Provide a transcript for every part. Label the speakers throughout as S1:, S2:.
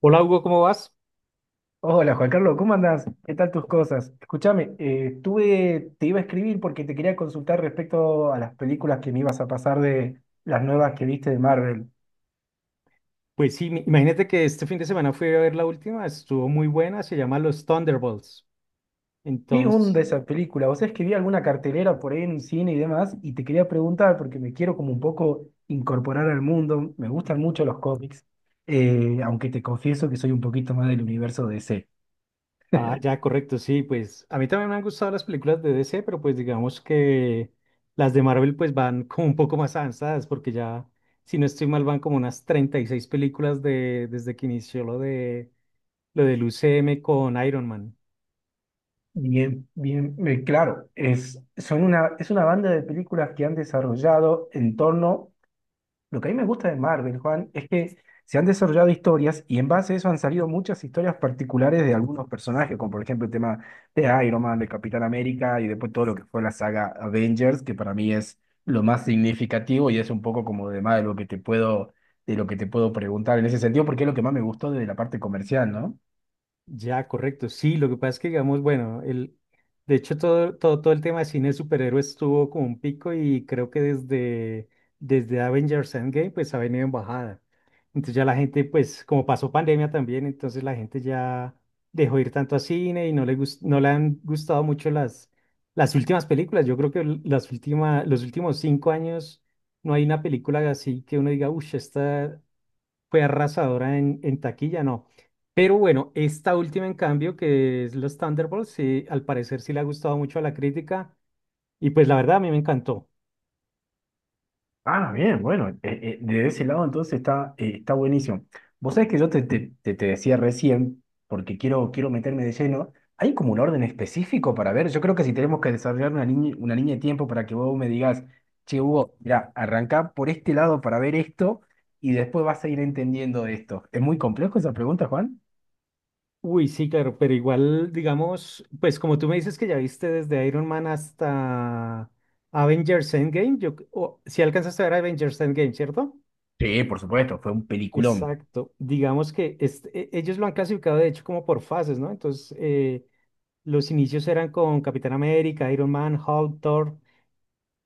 S1: Hola Hugo, ¿cómo vas?
S2: Hola Juan Carlos, ¿cómo andás? ¿Qué tal tus cosas? Escúchame, te iba a escribir porque te quería consultar respecto a las películas que me ibas a pasar de las nuevas que viste de Marvel.
S1: Pues sí, imagínate que este fin de semana fui a ver la última, estuvo muy buena, se llama Los Thunderbolts.
S2: ¿Qué onda
S1: Entonces.
S2: esa película? O sea, es que vi alguna cartelera por ahí en el cine y demás y te quería preguntar porque me quiero como un poco incorporar al mundo. Me gustan mucho los cómics, aunque te confieso que soy un poquito más del universo D C.
S1: Ah, ya, correcto, sí, pues a mí también me han gustado las películas de DC, pero pues digamos que las de Marvel pues van como un poco más avanzadas, porque ya, si no estoy mal, van como unas 36 películas desde que inició lo del UCM con Iron Man.
S2: Bien, bien, claro, es una banda de películas que han desarrollado en torno. Lo que a mí me gusta de Marvel, Juan, es que se han desarrollado historias y en base a eso han salido muchas historias particulares de algunos personajes, como por ejemplo el tema de Iron Man, de Capitán América y después todo lo que fue la saga Avengers, que para mí es lo más significativo y es un poco como de más de lo que te puedo preguntar en ese sentido, porque es lo que más me gustó de la parte comercial, ¿no?
S1: Ya, correcto. Sí, lo que pasa es que, digamos, bueno, de hecho todo el tema de cine de superhéroes tuvo como un pico y creo que desde Avengers Endgame pues ha venido en bajada. Entonces ya la gente, pues como pasó pandemia también, entonces la gente ya dejó ir tanto a cine y no le han gustado mucho las últimas películas. Yo creo que los últimos 5 años no hay una película así que uno diga, uff, esta, fue arrasadora en taquilla, no. Pero bueno, esta última en cambio, que es los Thunderbolts, sí, al parecer sí le ha gustado mucho a la crítica y pues la verdad a mí me encantó.
S2: Ah, bien, bueno, de ese lado entonces está, está buenísimo. Vos sabés que yo te decía recién, porque quiero meterme de lleno. ¿Hay como un orden específico para ver? Yo creo que si tenemos que desarrollar una línea de tiempo para que vos me digas, che, Hugo, mira, arrancá por este lado para ver esto y después vas a ir entendiendo esto. ¿Es muy complejo esa pregunta, Juan?
S1: Uy, sí, claro, pero igual, digamos, pues como tú me dices que ya viste desde Iron Man hasta Avengers Endgame, yo, si alcanzaste a ver Avengers Endgame, ¿cierto?
S2: Sí, por supuesto, fue un peliculón.
S1: Exacto. Digamos que ellos lo han clasificado de hecho como por fases, ¿no? Entonces, los inicios eran con Capitán América, Iron Man, Hulk, Thor.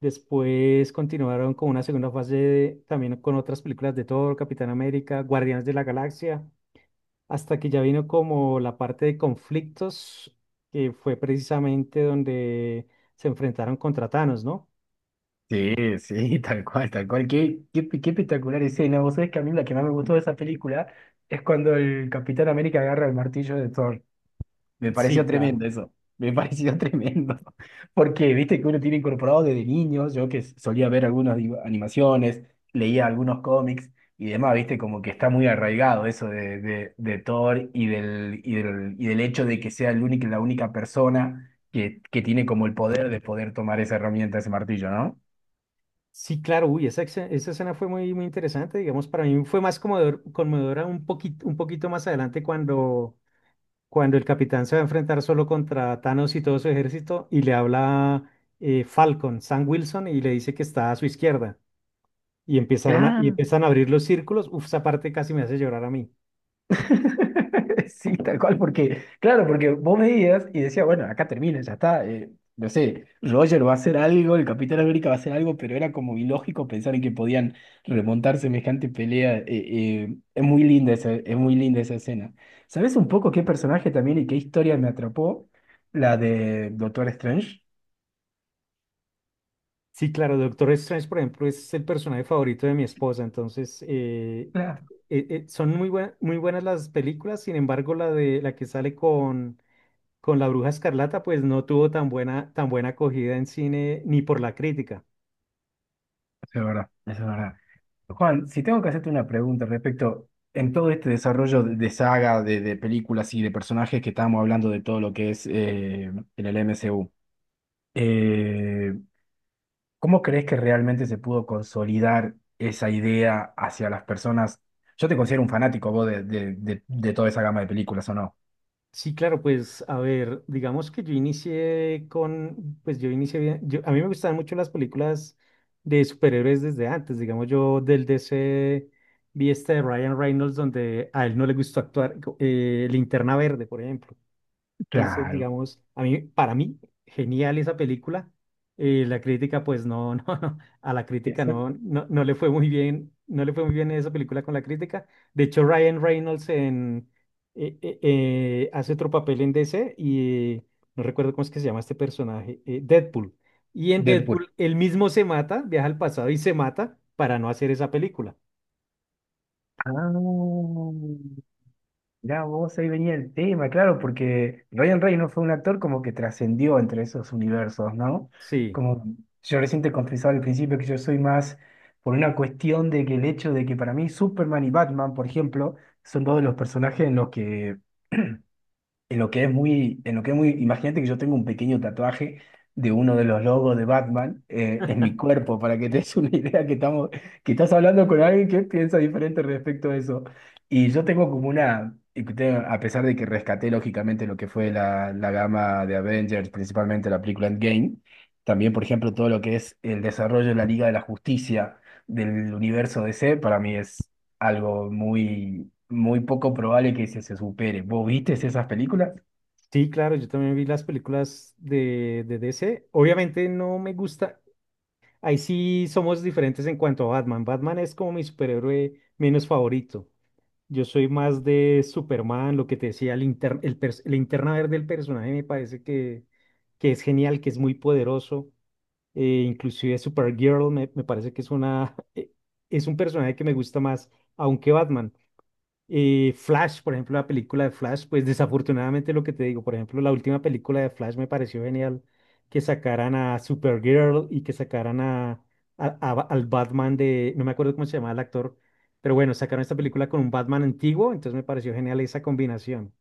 S1: Después continuaron con una segunda fase también con otras películas de Thor, Capitán América, Guardianes de la Galaxia, hasta que ya vino como la parte de conflictos, que fue precisamente donde se enfrentaron contra Thanos, ¿no?
S2: Sí, sí, tal cual, tal cual. Qué espectacular escena. Vos sabés que a mí la que más me gustó de esa película es cuando el Capitán América agarra el martillo de Thor. Me
S1: Sí,
S2: pareció
S1: claro.
S2: tremendo eso. Me pareció tremendo. Porque viste que uno tiene incorporado desde niño, yo que solía ver algunas animaciones, leía algunos cómics y demás, viste, como que está muy arraigado eso de Thor y del hecho de que sea la única persona que tiene como el poder de poder tomar esa herramienta, ese martillo, ¿no?
S1: Sí, claro, uy, esa escena fue muy, muy interesante, digamos, para mí fue más conmovedora un poquito más adelante cuando el capitán se va a enfrentar solo contra Thanos y todo su ejército y le habla Falcon, Sam Wilson, y le dice que está a su izquierda. Y
S2: Ah,
S1: empiezan a abrir los círculos. Uf, esa parte casi me hace llorar a mí.
S2: sí, tal cual, porque, claro, porque vos veías y decías, bueno, acá termina, ya está, no sé, Roger va a hacer algo, el Capitán América va a hacer algo, pero era como ilógico pensar en que podían remontar semejante pelea, es muy linda esa escena. ¿Sabes un poco qué personaje también y qué historia me atrapó? La de Doctor Strange.
S1: Sí, claro, Doctor Strange, por ejemplo, es el personaje favorito de mi esposa. Entonces, son muy buenas las películas. Sin embargo, la de la que sale con la Bruja Escarlata, pues no tuvo tan buena acogida en cine ni por la crítica.
S2: Eso es verdad, eso es verdad. Juan, si tengo que hacerte una pregunta respecto en todo este desarrollo de saga, de películas y de personajes que estábamos hablando de todo lo que es en el MCU, eh, ¿cómo crees que realmente se pudo consolidar esa idea hacia las personas? Yo te considero un fanático vos de toda esa gama de películas, ¿o no?
S1: Sí, claro, pues a ver, digamos que yo pues yo inicié bien, a mí me gustaban mucho las películas de superhéroes desde antes, digamos yo del DC vi esta de Ryan Reynolds donde a él no le gustó actuar, Linterna Verde, por ejemplo. Entonces,
S2: Claro.
S1: digamos, para mí, genial esa película. La crítica, pues no, no, no, a la crítica
S2: Exacto.
S1: no, no, no le fue muy bien, no le fue muy bien esa película con la crítica. De hecho, Ryan Reynolds hace otro papel en DC y no recuerdo cómo es que se llama este personaje, Deadpool. Y en
S2: Deadpool.
S1: Deadpool, él mismo se mata, viaja al pasado y se mata para no hacer esa película.
S2: Ah. Ya vos ahí venía el tema, claro, porque Ryan Reynolds fue un actor como que trascendió entre esos universos, ¿no?
S1: Sí,
S2: Como yo recién te confesaba al principio que yo soy más por una cuestión de que el hecho de que para mí Superman y Batman, por ejemplo, son dos de los personajes en los que en lo que es muy, imagínate que yo tengo un pequeño tatuaje de uno de los logos de Batman, en mi cuerpo, para que te des una idea que estamos, que estás hablando con alguien que piensa diferente respecto a eso. Y yo tengo como una, y que a pesar de que rescaté lógicamente lo que fue la gama de Avengers, principalmente la película Endgame, también por ejemplo todo lo que es el desarrollo de la Liga de la Justicia del universo D C para mí es algo muy, muy poco probable que se supere. ¿Vos viste esas películas?
S1: sí, claro, yo también vi las películas de DC. Obviamente no me gusta. Ahí sí somos diferentes en cuanto a Batman. Batman es como mi superhéroe menos favorito. Yo soy más de Superman, lo que te decía, el inter- el pers- la linterna verde del personaje me parece que es genial, que es muy poderoso. Inclusive Supergirl me parece que es una, es un personaje que me gusta más, aunque Batman. Flash, por ejemplo, la película de Flash, pues desafortunadamente lo que te digo, por ejemplo, la última película de Flash me pareció genial que sacaran a Supergirl y que sacaran al Batman de, no me acuerdo cómo se llamaba el actor, pero bueno, sacaron esta película con un Batman antiguo, entonces me pareció genial esa combinación.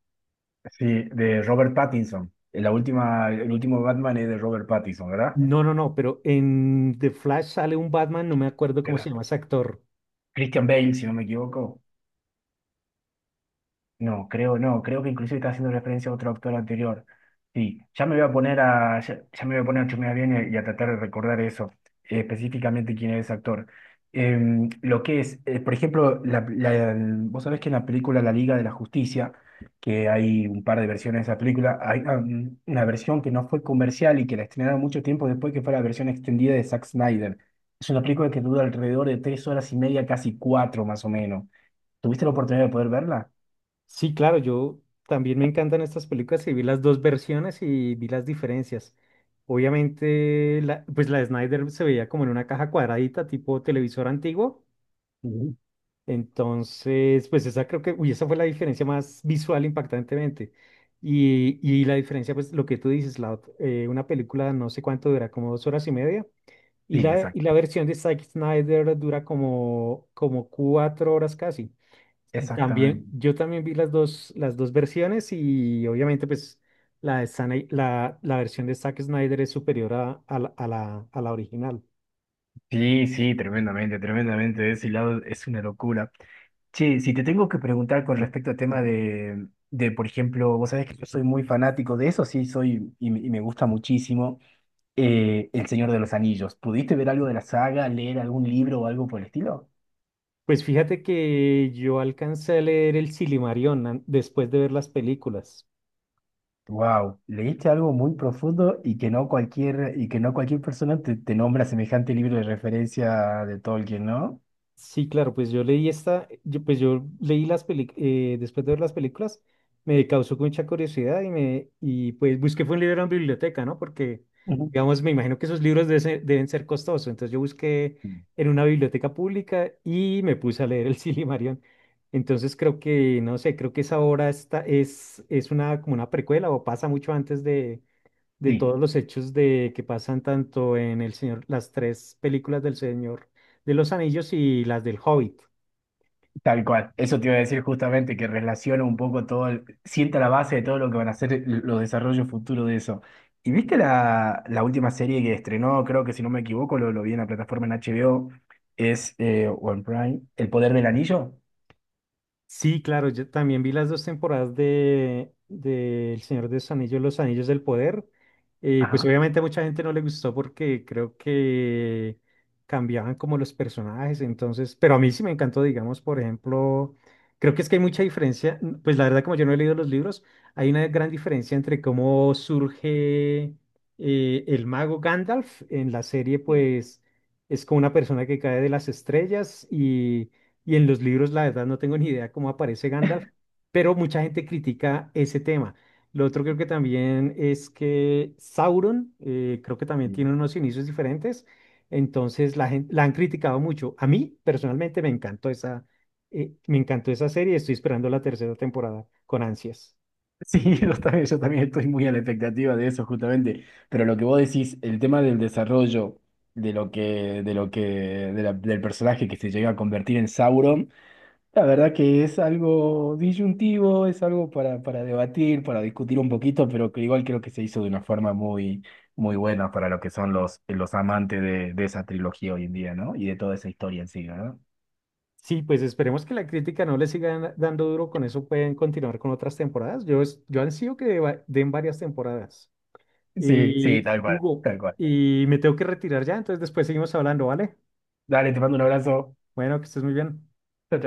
S2: Sí, de Robert Pattinson. La última, el último Batman es de Robert Pattinson, ¿verdad?
S1: No, no, no, pero en The Flash sale un Batman, no me acuerdo cómo se
S2: Era-
S1: llama ese actor.
S2: Christian Bale, si no me equivoco. No, creo no, creo que inclusive está haciendo referencia a otro autor anterior. Sí, ya me voy a poner a, ya, ya me voy a poner a chusmear bien y a tratar de recordar eso, específicamente quién es ese actor. Em, lo que es, por ejemplo, vos sabés que en la película La Liga de la Justicia, que hay un par de versiones de esa película, hay una versión que no fue comercial y que la estrenaron mucho tiempo después, que fue la versión extendida de Zack Snyder. Es una película que dura alrededor de tres horas y media, casi cuatro más o menos. ¿Tuviste la oportunidad de poder verla?
S1: Sí, claro, yo también me encantan estas películas y vi las dos versiones y vi las diferencias. Obviamente, pues la de Snyder se veía como en una caja cuadradita, tipo televisor antiguo. Entonces, pues uy, esa fue la diferencia más visual impactantemente. Y la diferencia, pues lo que tú dices, una película no sé cuánto dura, como 2 horas y media. Y
S2: Sí,
S1: la, y
S2: exacto,
S1: la versión de Zack Snyder dura como 4 horas casi. También,
S2: exactamente.
S1: yo también vi las dos versiones y obviamente pues la versión de Zack Snyder es superior a la original.
S2: Sí, sí, tremendamente, tremendamente. De ese lado es una locura. Che, si te tengo que preguntar con respecto al tema por ejemplo, vos sabés que yo soy muy fanático de eso, sí, soy me gusta muchísimo, El Señor de los Anillos. ¿Pudiste ver algo de la saga, leer algún libro o algo por el estilo?
S1: Pues fíjate que yo alcancé a leer el Silmarillion después de ver las películas.
S2: Wow, leíste algo muy profundo y que no cualquier persona te nombra semejante libro de referencia de Tolkien, ¿no?
S1: Sí, claro, pues yo leí esta, yo- pues yo leí las películas, después de ver las películas, me causó mucha curiosidad y pues busqué fue un libro en biblioteca, ¿no? Porque,
S2: Ujú.
S1: digamos, me imagino que esos libros deben ser costosos, entonces yo busqué en una biblioteca pública y me puse a leer el Silmarillion. Entonces creo que, no sé, creo que esa obra es una, como una precuela o pasa mucho antes de
S2: Sí.
S1: todos los hechos de que pasan tanto las tres películas del Señor de los Anillos y las del Hobbit.
S2: Tal cual, eso te iba a decir justamente, que relaciona un poco todo, sienta la base de todo lo que van a ser los desarrollos futuros de eso. ¿Y viste la última serie que estrenó? Creo que si no me equivoco, lo vi en la plataforma en HBO, es o en Prime, El Poder del Anillo.
S1: Sí, claro, yo también vi las dos temporadas de El Señor de los Anillos, Los Anillos del Poder. Pues
S2: Ajá.
S1: obviamente a mucha gente no le gustó porque creo que cambiaban como los personajes, entonces, pero a mí sí me encantó, digamos, por ejemplo, creo que es que hay mucha diferencia, pues la verdad como yo no he leído los libros, hay una gran diferencia entre cómo surge el mago Gandalf en la serie,
S2: Sí,
S1: pues es como una persona que cae de las estrellas y en los libros, la verdad, no tengo ni idea cómo aparece Gandalf, pero mucha gente critica ese tema. Lo otro creo que también es que Sauron, creo que también
S2: sí.
S1: tiene unos inicios diferentes, entonces la gente, la han criticado mucho. A mí, personalmente, me encantó esa serie, estoy esperando la tercera temporada con ansias.
S2: Sí, yo también estoy muy a la expectativa de eso justamente, pero lo que vos decís, el tema del desarrollo de lo que, del personaje que se llega a convertir en Sauron. La verdad que es algo disyuntivo, es algo para debatir, para discutir un poquito, pero que igual creo que se hizo de una forma muy, muy buena para lo que son los amantes de esa trilogía hoy en día, ¿no? Y de toda esa historia en sí, ¿no?
S1: Sí, pues esperemos que la crítica no le siga dando duro, con eso pueden continuar con otras temporadas. Yo ansío que den varias temporadas.
S2: Sí, sí,
S1: Y
S2: tal cual,
S1: Hugo,
S2: tal cual.
S1: y me tengo que retirar ya, entonces después seguimos hablando, ¿vale?
S2: Dale, te mando un abrazo.
S1: Bueno, que estés muy bien.
S2: Chao,